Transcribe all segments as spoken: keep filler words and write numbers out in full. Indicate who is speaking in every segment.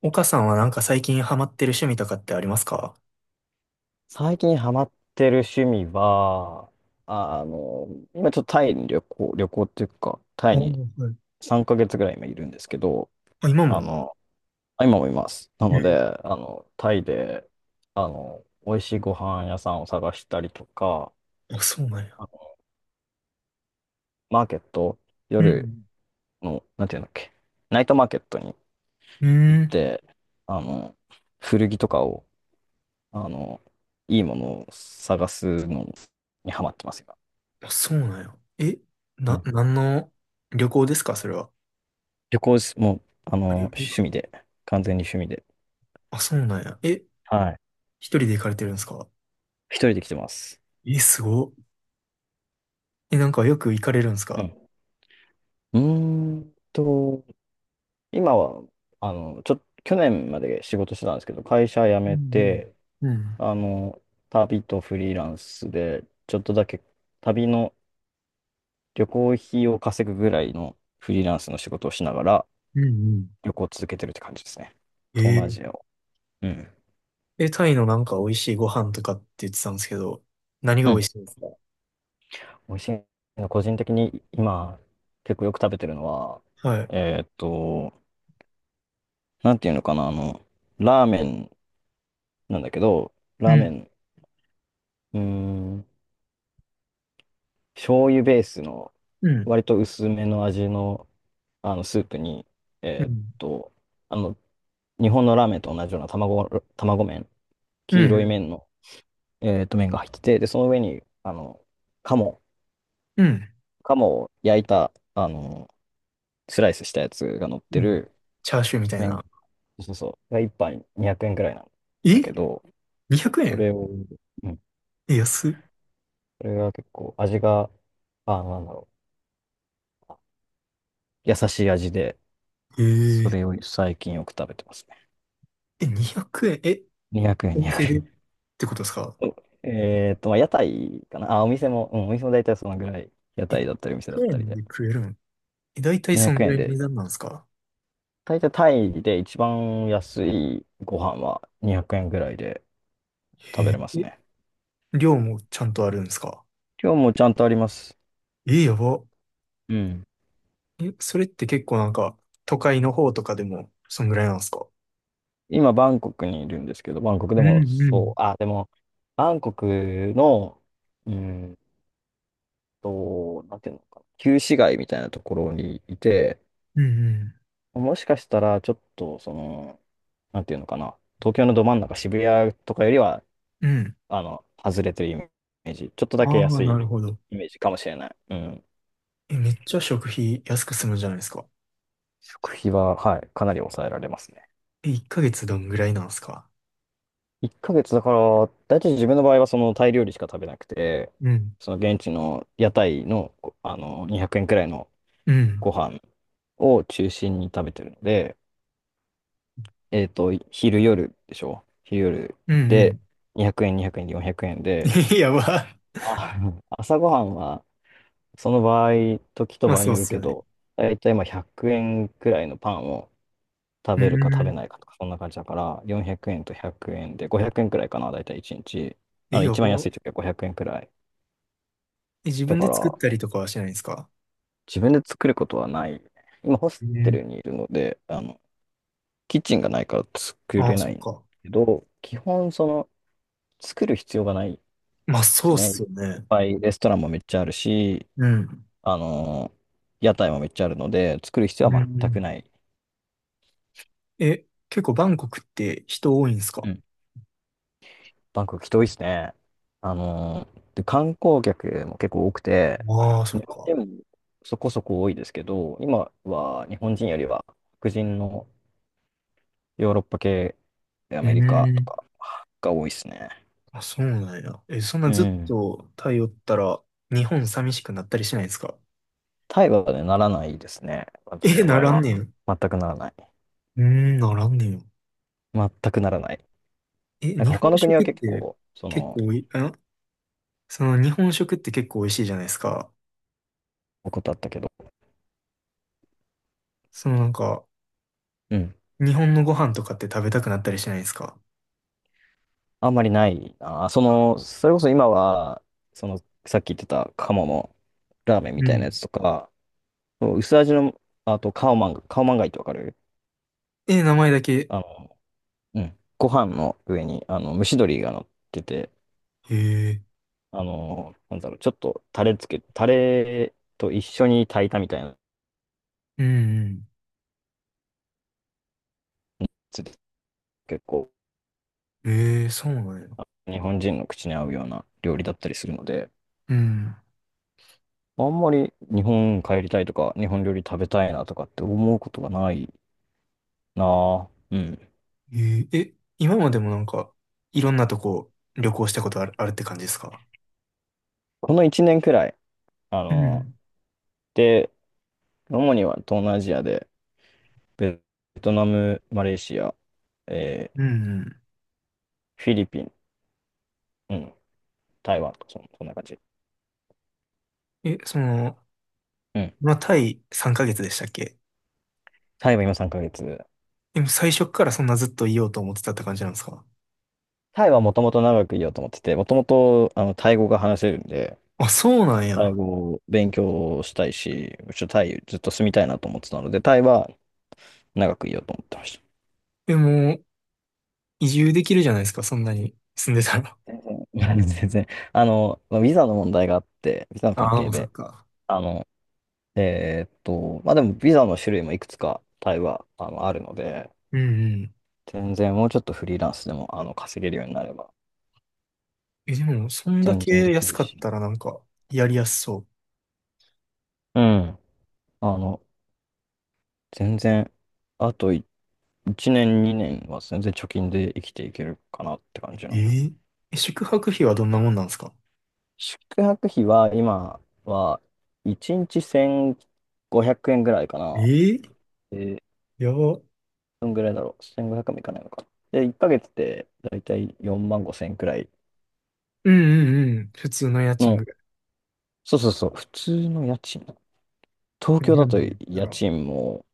Speaker 1: 岡さんはなんか最近ハマってる趣味とかってありますか？
Speaker 2: 最近ハマってる趣味は、ああの、今ちょっとタイに旅行、旅行っていうか、タ
Speaker 1: あ
Speaker 2: イ
Speaker 1: あ、
Speaker 2: に
Speaker 1: はい。
Speaker 2: さんかげつぐらい今いるんですけど、
Speaker 1: あ、今
Speaker 2: あ
Speaker 1: も。
Speaker 2: の、あ今もいます。な
Speaker 1: え
Speaker 2: ので、
Speaker 1: ー。
Speaker 2: あの、タイで、あの、美味しいご飯屋さんを探したりとか、
Speaker 1: あ、そうなんや。
Speaker 2: あのマーケット、
Speaker 1: う
Speaker 2: 夜
Speaker 1: ん。
Speaker 2: の、なんていうんだっけ、ナイトマーケットに
Speaker 1: う
Speaker 2: 行
Speaker 1: ー
Speaker 2: っ
Speaker 1: ん。
Speaker 2: て、あの、古着とかを、あの、いいものを探すのにハマってますよ。
Speaker 1: あ、そうなんや。え、な、何の旅行ですかそれは？
Speaker 2: 旅行し、もう、あの、
Speaker 1: ありか。
Speaker 2: 趣味で、完全に趣味で。
Speaker 1: あ、そうなんや。え、
Speaker 2: はい。
Speaker 1: 一人で行かれてるんですか？
Speaker 2: 一人で来てます。
Speaker 1: え、すご。え、なんかよく行かれるんです
Speaker 2: う
Speaker 1: か？
Speaker 2: ん。うーんと、今は、あの、ちょ、去年まで仕事してたんですけど、会社辞
Speaker 1: う
Speaker 2: め
Speaker 1: んう
Speaker 2: て、
Speaker 1: ん。うん。
Speaker 2: あの、旅とフリーランスで、ちょっとだけ旅の旅行費を稼ぐぐらいのフリーランスの仕事をしながら、
Speaker 1: うんう
Speaker 2: 旅行を続けてるって感じですね。
Speaker 1: ん。
Speaker 2: 東
Speaker 1: え
Speaker 2: 南アジア
Speaker 1: ー。
Speaker 2: を。うん。
Speaker 1: え、タイのなんか美味しいご飯とかって言ってたんですけど、何が
Speaker 2: う
Speaker 1: 美味
Speaker 2: ん。
Speaker 1: しいんですか？
Speaker 2: 美味しいの、個人的に今、結構よく食べてるのは、
Speaker 1: はい。
Speaker 2: えーっと、なんていうのかな、あの、ラーメンなんだけど、
Speaker 1: う
Speaker 2: ラーメ
Speaker 1: ん。
Speaker 2: ン、うーん、醤油ベースの、
Speaker 1: うん。
Speaker 2: 割と薄めの味の、あの、スープに、
Speaker 1: う
Speaker 2: えーっ
Speaker 1: ん。
Speaker 2: と、あの、日本のラーメンと同じような卵、卵麺、
Speaker 1: う
Speaker 2: 黄
Speaker 1: ん。
Speaker 2: 色い
Speaker 1: うん。
Speaker 2: 麺の、えーっと、麺が入ってて、で、その上に、あの、鴨、
Speaker 1: うん
Speaker 2: 鴨を焼いた、あの、スライスしたやつが乗って
Speaker 1: うん。
Speaker 2: る
Speaker 1: チャーシューみたい
Speaker 2: 麺、
Speaker 1: な。
Speaker 2: そうそう、がいっぱいにひゃくえんくえんくらいなん
Speaker 1: え？
Speaker 2: だけど、
Speaker 1: にひゃく
Speaker 2: そ
Speaker 1: 円。
Speaker 2: れを、うん、
Speaker 1: え、安っ。
Speaker 2: それが結構味が、あ、なんだろう。優しい味で、
Speaker 1: え
Speaker 2: そ
Speaker 1: ー、
Speaker 2: れを最近よく食べてますね。
Speaker 1: え、にひゃくえんえん、え、
Speaker 2: にひゃくえん、
Speaker 1: お
Speaker 2: 200
Speaker 1: 店でっ
Speaker 2: 円。
Speaker 1: てことですか？
Speaker 2: おえっと、まあ、屋台かな。あ、お店も、うん、お店も大体そのぐらい、屋
Speaker 1: え、
Speaker 2: 台だったりお店だ
Speaker 1: 100
Speaker 2: ったり
Speaker 1: 円
Speaker 2: で。
Speaker 1: で食えるん。え、だいたいそ
Speaker 2: 200
Speaker 1: のぐら
Speaker 2: 円
Speaker 1: いの
Speaker 2: で、
Speaker 1: 値段なんですか？
Speaker 2: 大体タイで一番安いご飯はにひゃくえんぐらいで食べ
Speaker 1: え
Speaker 2: れます
Speaker 1: ー。え、
Speaker 2: ね。
Speaker 1: 量もちゃんとあるんですか？
Speaker 2: 今日もちゃんとあります。
Speaker 1: え、やば。
Speaker 2: うん。
Speaker 1: え、それって結構なんか、都会の方とかでも、そんぐらいなんですか？
Speaker 2: 今、バンコクにいるんですけど、バンコク
Speaker 1: う
Speaker 2: でも
Speaker 1: んう
Speaker 2: そう、
Speaker 1: ん。
Speaker 2: あ、でも、バンコクの、うんと、なんていうのかな、旧市街みたいなところにいて、
Speaker 1: うん
Speaker 2: もしかしたら、ちょっと、その、なんていうのかな、東京のど真ん中、渋谷とかよりは、
Speaker 1: うん。うん。
Speaker 2: あの、外れてるイメージ、ちょっとだけ
Speaker 1: ああ、
Speaker 2: 安
Speaker 1: な
Speaker 2: い
Speaker 1: るほど。
Speaker 2: イメージかもしれない。うん。
Speaker 1: え、めっちゃ食費安く済むじゃないですか。
Speaker 2: 食費は、はい、かなり抑えられますね。
Speaker 1: え、いっかげつどんぐらいなんですか？
Speaker 2: いっかげつだから、大体自分の場合はそのタイ料理しか食べなくて、
Speaker 1: うん。
Speaker 2: その現地の屋台の、あの、にひゃくえんくえんくらいの
Speaker 1: うん。
Speaker 2: ご飯を中心に食べてるので、えっと、昼夜でしょ昼夜
Speaker 1: うんう
Speaker 2: で、
Speaker 1: ん。
Speaker 2: にひゃくえん、にひゃくえんでよんひゃくえんで、
Speaker 1: え、やば。
Speaker 2: あ 朝ごはんは、その場合、時と
Speaker 1: まあ
Speaker 2: 場合
Speaker 1: そ
Speaker 2: に
Speaker 1: うっ
Speaker 2: よる
Speaker 1: す
Speaker 2: け
Speaker 1: よね。
Speaker 2: ど、だいたいまあひゃくえんくえんくらいのパンを食
Speaker 1: うー
Speaker 2: べるか食べ
Speaker 1: ん。
Speaker 2: ないかとか、そんな感じだから、よんひゃくえんとひゃくえんで、ごひゃくえんくえんくらいかな、だいたいいちにち。な
Speaker 1: え、
Speaker 2: ので、
Speaker 1: や
Speaker 2: 一番
Speaker 1: ば。
Speaker 2: 安い時はごひゃくえんくえんくらい。
Speaker 1: え、自
Speaker 2: だ
Speaker 1: 分
Speaker 2: か
Speaker 1: で作っ
Speaker 2: ら、
Speaker 1: たりとかはしないんですか？
Speaker 2: 自分で作ることはない。今、ホステ
Speaker 1: ね。
Speaker 2: ルにいるので、あの、キッチンがないから作
Speaker 1: ああ、
Speaker 2: れな
Speaker 1: そっ
Speaker 2: い
Speaker 1: か。
Speaker 2: けど、基本、その、作る必要がない。
Speaker 1: まあ
Speaker 2: で
Speaker 1: そう
Speaker 2: す
Speaker 1: っ
Speaker 2: ね。いっ
Speaker 1: すよね。
Speaker 2: ぱいレストランもめっちゃあるし、
Speaker 1: うん。
Speaker 2: あのー屋台もめっちゃあるので、作る必要
Speaker 1: う
Speaker 2: は全
Speaker 1: ん。
Speaker 2: くない。
Speaker 1: え、結構バンコクって人多いんです
Speaker 2: う
Speaker 1: か？
Speaker 2: ん。バンコク人多いですね。あのーで、観光客も結構多くて、
Speaker 1: ああ、そ
Speaker 2: 日
Speaker 1: っ
Speaker 2: 本
Speaker 1: か。
Speaker 2: 人もそこそこ多いですけど、今は日本人よりは白人のヨーロッパ系、ア
Speaker 1: うー
Speaker 2: メリカと
Speaker 1: ん。
Speaker 2: かが多いですね。
Speaker 1: あ、そうなんや。え、そんな
Speaker 2: う
Speaker 1: ずっ
Speaker 2: ん。
Speaker 1: とタイおったら日本寂しくなったりしないですか？
Speaker 2: タイはね、ならないですね。私
Speaker 1: え、
Speaker 2: の
Speaker 1: な
Speaker 2: 場合
Speaker 1: らん
Speaker 2: は。
Speaker 1: ねん。う
Speaker 2: 全くならない。
Speaker 1: ーん、ならんねんよ。
Speaker 2: 全くならない。
Speaker 1: え、
Speaker 2: なんか
Speaker 1: 日
Speaker 2: 他
Speaker 1: 本
Speaker 2: の国は
Speaker 1: 食っ
Speaker 2: 結
Speaker 1: て
Speaker 2: 構、そ
Speaker 1: 結
Speaker 2: の、
Speaker 1: 構おい、あ、その日本食って結構美味しいじゃないですか。
Speaker 2: ことあったけど、
Speaker 1: そのなんか、
Speaker 2: うん。
Speaker 1: 日本のご飯とかって食べたくなったりしないですか？
Speaker 2: あんまりないな。その、それこそ今は、その、さっき言ってた鴨のラーメンみ
Speaker 1: う
Speaker 2: たいなや
Speaker 1: ん。
Speaker 2: つとか、そう薄味の、あと、カオマンガ、カオマンガイってわかる？
Speaker 1: え、名前だけ。
Speaker 2: あの、うん。ご飯の上に、あの、蒸し鶏が乗ってて、
Speaker 1: へえ。
Speaker 2: あの、なんだろう、ちょっとタレつけ、タレと一緒に炊いたみたいなや
Speaker 1: うんうん。
Speaker 2: つで、結構、
Speaker 1: ええ、そうなんや。
Speaker 2: 日本人の口に合うような料理だったりするので、
Speaker 1: うん。
Speaker 2: あんまり日本帰りたいとか、日本料理食べたいなとかって思うことがない。ああ、うん。
Speaker 1: ええ、え、今までもなんか、いろんなとこ旅行したことある、あるって感じですか？
Speaker 2: このいちねんくらい、あ
Speaker 1: う
Speaker 2: の、
Speaker 1: ん。
Speaker 2: で、主には東南アジアで、ベトナム、マレーシア、えー
Speaker 1: うんう
Speaker 2: フィリピン、うん、台湾とそん、そんな感じ。
Speaker 1: ん。え、その、
Speaker 2: うん。
Speaker 1: まあ、タイさんかげつでしたっけ？
Speaker 2: タイは今さんかげつ。
Speaker 1: でも最初からそんなずっといようと思ってたって感じなんですか？
Speaker 2: タイはもともと長くいようと思ってて、もともと、あの、タイ語が話せるんで、
Speaker 1: あ、そうなん
Speaker 2: タイ
Speaker 1: や。
Speaker 2: 語を勉強したいし、ちょ、タイずっと住みたいなと思ってたので、タイは長くいようと思ってました。
Speaker 1: でも、移住できるじゃないですか、そんなに住んでたら。
Speaker 2: 全然、全然。あの、まあビザの問題があって、ビザの関
Speaker 1: ああ、も
Speaker 2: 係
Speaker 1: うそっ
Speaker 2: で、
Speaker 1: か。
Speaker 2: あの、えーっと、まあでもビザの種類もいくつかタイはあの、あるので、
Speaker 1: うんうん。
Speaker 2: 全然もうちょっとフリーランスでもあの稼げるようになれば
Speaker 1: え、でも、そんだ
Speaker 2: 全
Speaker 1: け
Speaker 2: 然でき
Speaker 1: 安
Speaker 2: る
Speaker 1: かっ
Speaker 2: し、
Speaker 1: たらなんか、やりやすそう。
Speaker 2: うん。あの、全然、あといいちねん、にねんは全然貯金で生きていけるかなって感じ
Speaker 1: え
Speaker 2: の。
Speaker 1: ー。え、宿泊費はどんなもんなんですか？
Speaker 2: 宿泊費は今はいちにちせんごひゃくえんぐらいか
Speaker 1: え
Speaker 2: な。
Speaker 1: ー、
Speaker 2: で、
Speaker 1: やば。
Speaker 2: どんぐらいだろう。せんごひゃくえんもいかないのか。で、いっかげつでだいたいよんまんごせん円くらい
Speaker 1: うんうんうん。普通の家賃
Speaker 2: の、
Speaker 1: ぐらい。
Speaker 2: そうそうそう、普通の家賃。東京
Speaker 1: 日
Speaker 2: だ
Speaker 1: 本
Speaker 2: と
Speaker 1: で言った
Speaker 2: 家
Speaker 1: ら。
Speaker 2: 賃も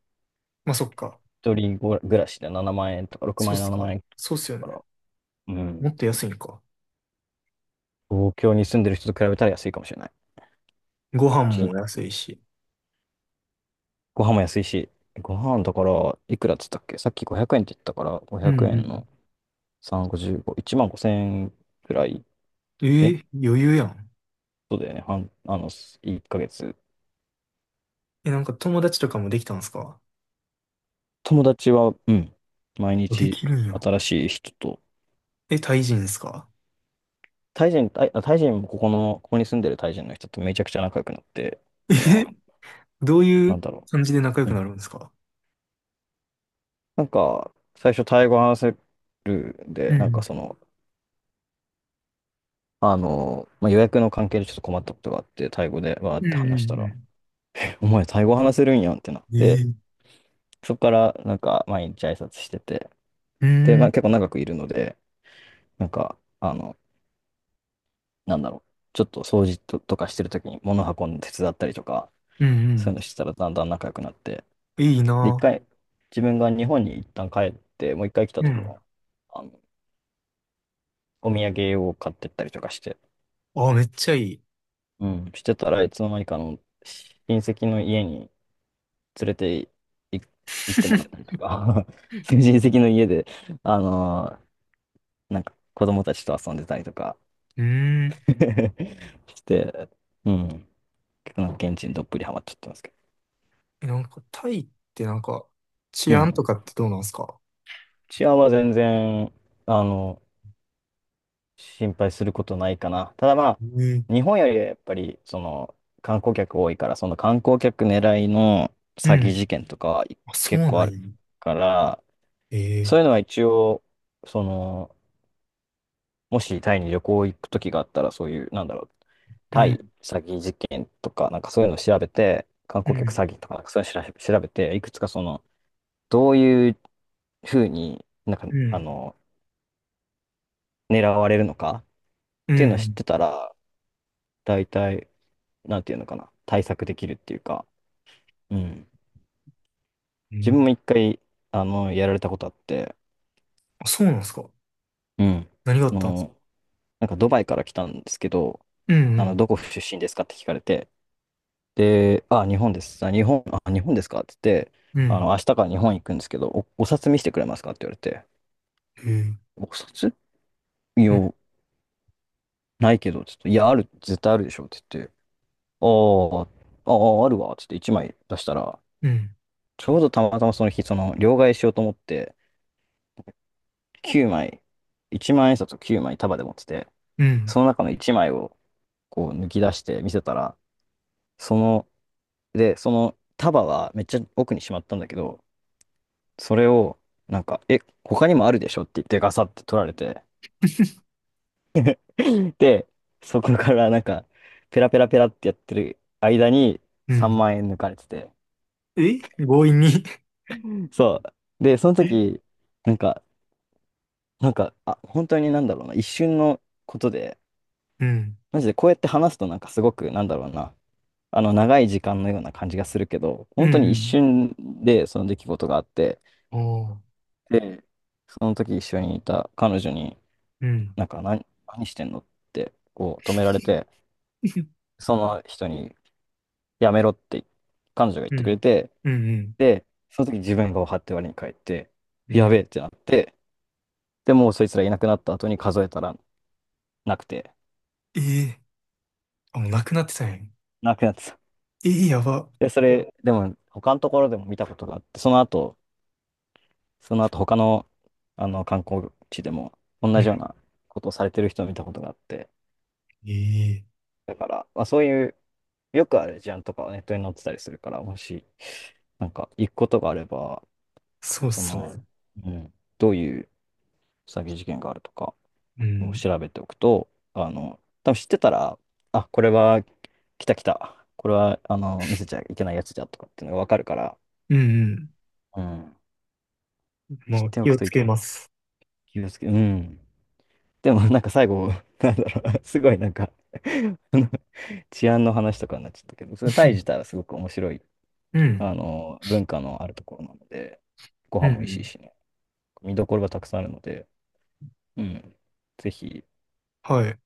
Speaker 1: まあ、そっか。
Speaker 2: 一人ご暮らしでななまん円とか6
Speaker 1: そ
Speaker 2: 万
Speaker 1: うっ
Speaker 2: 円、
Speaker 1: す
Speaker 2: 7
Speaker 1: か。
Speaker 2: 万円
Speaker 1: そうっ
Speaker 2: する
Speaker 1: すよ
Speaker 2: か
Speaker 1: ね。
Speaker 2: ら、うん。
Speaker 1: もっと安いんか。
Speaker 2: 東京に住んでる人と比べたら安いかもしれない。
Speaker 1: ご飯も
Speaker 2: ち
Speaker 1: 安いし。
Speaker 2: ご飯も安いし、ご飯だから、いくらっつったっけ、さっきごひゃくえんって言ったから、
Speaker 1: う
Speaker 2: 500
Speaker 1: ん
Speaker 2: 円の
Speaker 1: う
Speaker 2: さん、ごじゅうご、いちまんごせん円くらい。
Speaker 1: ん。え
Speaker 2: え、
Speaker 1: ー、余裕やん。
Speaker 2: そうだよね。半、あの、いっかげつ。
Speaker 1: え、なんか友達とかもできたんすか？
Speaker 2: 友達は、うん。毎
Speaker 1: あ、で
Speaker 2: 日
Speaker 1: きるんや。
Speaker 2: 新しい人と、
Speaker 1: え、タイ人ですか？
Speaker 2: タイ人、タイ、あタイ人もここの、ここに住んでるタイ人の人とめちゃくちゃ仲良くなって、今、
Speaker 1: え、どうい
Speaker 2: なん
Speaker 1: う
Speaker 2: だろ
Speaker 1: 感じで仲良
Speaker 2: う。
Speaker 1: くなるんですか？
Speaker 2: なんか、最初、タイ語話せるん
Speaker 1: う
Speaker 2: で、なんか
Speaker 1: ん。
Speaker 2: その、あの、まあ、予約の関係でちょっと困ったことがあって、タイ語でわーっ
Speaker 1: う
Speaker 2: て
Speaker 1: ん
Speaker 2: 話し
Speaker 1: う
Speaker 2: た
Speaker 1: ん
Speaker 2: ら、
Speaker 1: う
Speaker 2: お前、タイ語話せるんやんってなっ
Speaker 1: ん。え
Speaker 2: て、
Speaker 1: ー、
Speaker 2: そこからなんか、毎日挨拶してて、
Speaker 1: うー
Speaker 2: で、まあ、
Speaker 1: ん、
Speaker 2: 結構長くいるので、なんか、あの、なんだろう、ちょっと掃除と、とかしてるときに物運んで手伝ったりとか、
Speaker 1: う
Speaker 2: そう
Speaker 1: ん
Speaker 2: いうのしてたらだんだん仲良くなって、
Speaker 1: うん。いい
Speaker 2: で、一
Speaker 1: な。
Speaker 2: 回、自分が日本に一旦帰って、もう一回来た
Speaker 1: う
Speaker 2: とき
Speaker 1: ん。
Speaker 2: も、あの、お土産を買ってったりとかして、
Speaker 1: あ、めっちゃいい。
Speaker 2: うん、してたらいつの間にかあの親戚の家に連れてい行ってもらったり とか 親戚の家で、あのーなんか子供たちと遊んでたりとか
Speaker 1: うーん。
Speaker 2: して、うん、結構なんか現地にどっぷりハマっちゃってますけ
Speaker 1: え、なんか、タイってなんか、治
Speaker 2: ど、う
Speaker 1: 安と
Speaker 2: ん、
Speaker 1: かってどうなんすか？
Speaker 2: 治安は全然、あの、心配することないかな。ただまあ、
Speaker 1: ええ、
Speaker 2: 日本よりはやっぱり、その、観光客多いから、その観光客狙いの
Speaker 1: う
Speaker 2: 詐欺
Speaker 1: ん。
Speaker 2: 事件とかは
Speaker 1: あ、そ
Speaker 2: 結
Speaker 1: うな
Speaker 2: 構あ
Speaker 1: ん
Speaker 2: る
Speaker 1: や。
Speaker 2: から、そ
Speaker 1: え
Speaker 2: ういうのは一応、その、もしタイに旅行行く時があったら、そういう、なんだろう、
Speaker 1: ー、う
Speaker 2: タイ
Speaker 1: ん、
Speaker 2: 詐欺事件とか、なんかそういうのを調べて、観
Speaker 1: う
Speaker 2: 光客
Speaker 1: ん、
Speaker 2: 詐欺とか、なんかそういうの調べ調べて、いくつかその、どういうふうになんか、
Speaker 1: う
Speaker 2: あ
Speaker 1: ん、
Speaker 2: の、狙われるのかっ
Speaker 1: う
Speaker 2: ていうのを知っ
Speaker 1: ん、
Speaker 2: てたら、大体、なんていうのかな、対策できるっていうか、うん。
Speaker 1: う
Speaker 2: 自
Speaker 1: ん。
Speaker 2: 分も一回、あの、やられたことあって、
Speaker 1: あ、そうなんすか？
Speaker 2: うん。
Speaker 1: 何があ
Speaker 2: あ
Speaker 1: ったんすか？
Speaker 2: の、なんかドバイから来たんですけど、
Speaker 1: う
Speaker 2: あの、
Speaker 1: ん、
Speaker 2: どこ出身ですかって聞かれて、で、あ、日本です。あ、日本、あ、日本ですかって言って、
Speaker 1: うん、う
Speaker 2: あの、
Speaker 1: ん。
Speaker 2: 明日から日本行くんですけど、お、お札見せてくれますかって言われて、
Speaker 1: ええ、
Speaker 2: お札いや、
Speaker 1: うん、
Speaker 2: ないけど、ちょっと、いや、ある、絶対あるでしょって言って、あーあー、あるわ、つっていちまい出したら、
Speaker 1: うん、
Speaker 2: ちょうどたまたまその日、その、両替しようと思って、きゅうまい、いちまん円札をきゅうまい束で持ってて、
Speaker 1: うん。
Speaker 2: その中のいちまいを、こう、抜き出して見せたら、その、で、その束はめっちゃ奥にしまったんだけど、それを、なんか、え、他にもあるでしょって言ってガサって取られて、で、そこからなんか、ペラペラペラってやってる間に
Speaker 1: う
Speaker 2: 3
Speaker 1: ん。
Speaker 2: 万円抜かれてて、
Speaker 1: え、強引に。
Speaker 2: そう。で、その
Speaker 1: え、
Speaker 2: 時、なんか、なんか、あ、本当になんだろうな、一瞬のことで、
Speaker 1: うん、
Speaker 2: マジでこうやって話すとなんかすごく、なんだろうな、あの、長い時間のような感じがするけど、
Speaker 1: うん、
Speaker 2: 本当に
Speaker 1: う
Speaker 2: 一
Speaker 1: ん。
Speaker 2: 瞬でその出来事があって、
Speaker 1: ああ、
Speaker 2: で、その時一緒にいた彼女に、
Speaker 1: うん。
Speaker 2: なんか、何、何してんのって、こう、止められて、その人にやめろって彼女が言っ
Speaker 1: う
Speaker 2: てくれ
Speaker 1: ん、
Speaker 2: て、
Speaker 1: うん、うん、
Speaker 2: で、その時自分が張って割に帰って、
Speaker 1: う
Speaker 2: やべえ
Speaker 1: ん。
Speaker 2: ってなって、でもうそいつらいなくなった後に数えたらなくて、
Speaker 1: ええ、あ、もうなくなってたんや。
Speaker 2: なくなってた。
Speaker 1: ええ、やば。
Speaker 2: で、それ、でも他のところでも見たことがあって、その後、その後他の、あの観光地でも
Speaker 1: う
Speaker 2: 同じよう
Speaker 1: ん。
Speaker 2: なことをされてる人を見たことがあって、
Speaker 1: ええ、
Speaker 2: だから、まあ、そういう、よくある事案とかはネットに載ってたりするから、もし、なんか行くことがあれば、
Speaker 1: そうっ
Speaker 2: そ
Speaker 1: す
Speaker 2: の、
Speaker 1: ね。
Speaker 2: うん、どういう詐欺事件があるとか
Speaker 1: う
Speaker 2: を
Speaker 1: ん。
Speaker 2: 調べておくと、あの、多分知ってたら、あ、これは来た来た。これは、あの、見せちゃいけないやつじゃとかっていうのがわかるから、
Speaker 1: うんう
Speaker 2: うん。
Speaker 1: ん。
Speaker 2: 知っ
Speaker 1: もう
Speaker 2: てお
Speaker 1: 気
Speaker 2: く
Speaker 1: を
Speaker 2: とい
Speaker 1: つ
Speaker 2: いと
Speaker 1: け
Speaker 2: 思う。
Speaker 1: ます。
Speaker 2: 気をつけ、うん。でも、なんか最後、なんだろう、すごいなんか あの治安の話とかになっちゃったけど、それタイ自体は すごく面白い、
Speaker 1: う
Speaker 2: あ
Speaker 1: ん。
Speaker 2: の、文化のあるところなので、ご
Speaker 1: う
Speaker 2: 飯
Speaker 1: ん。う
Speaker 2: も美味しい
Speaker 1: ん。
Speaker 2: しね、見どころがたくさんあるので、うん。ぜひ、
Speaker 1: はい。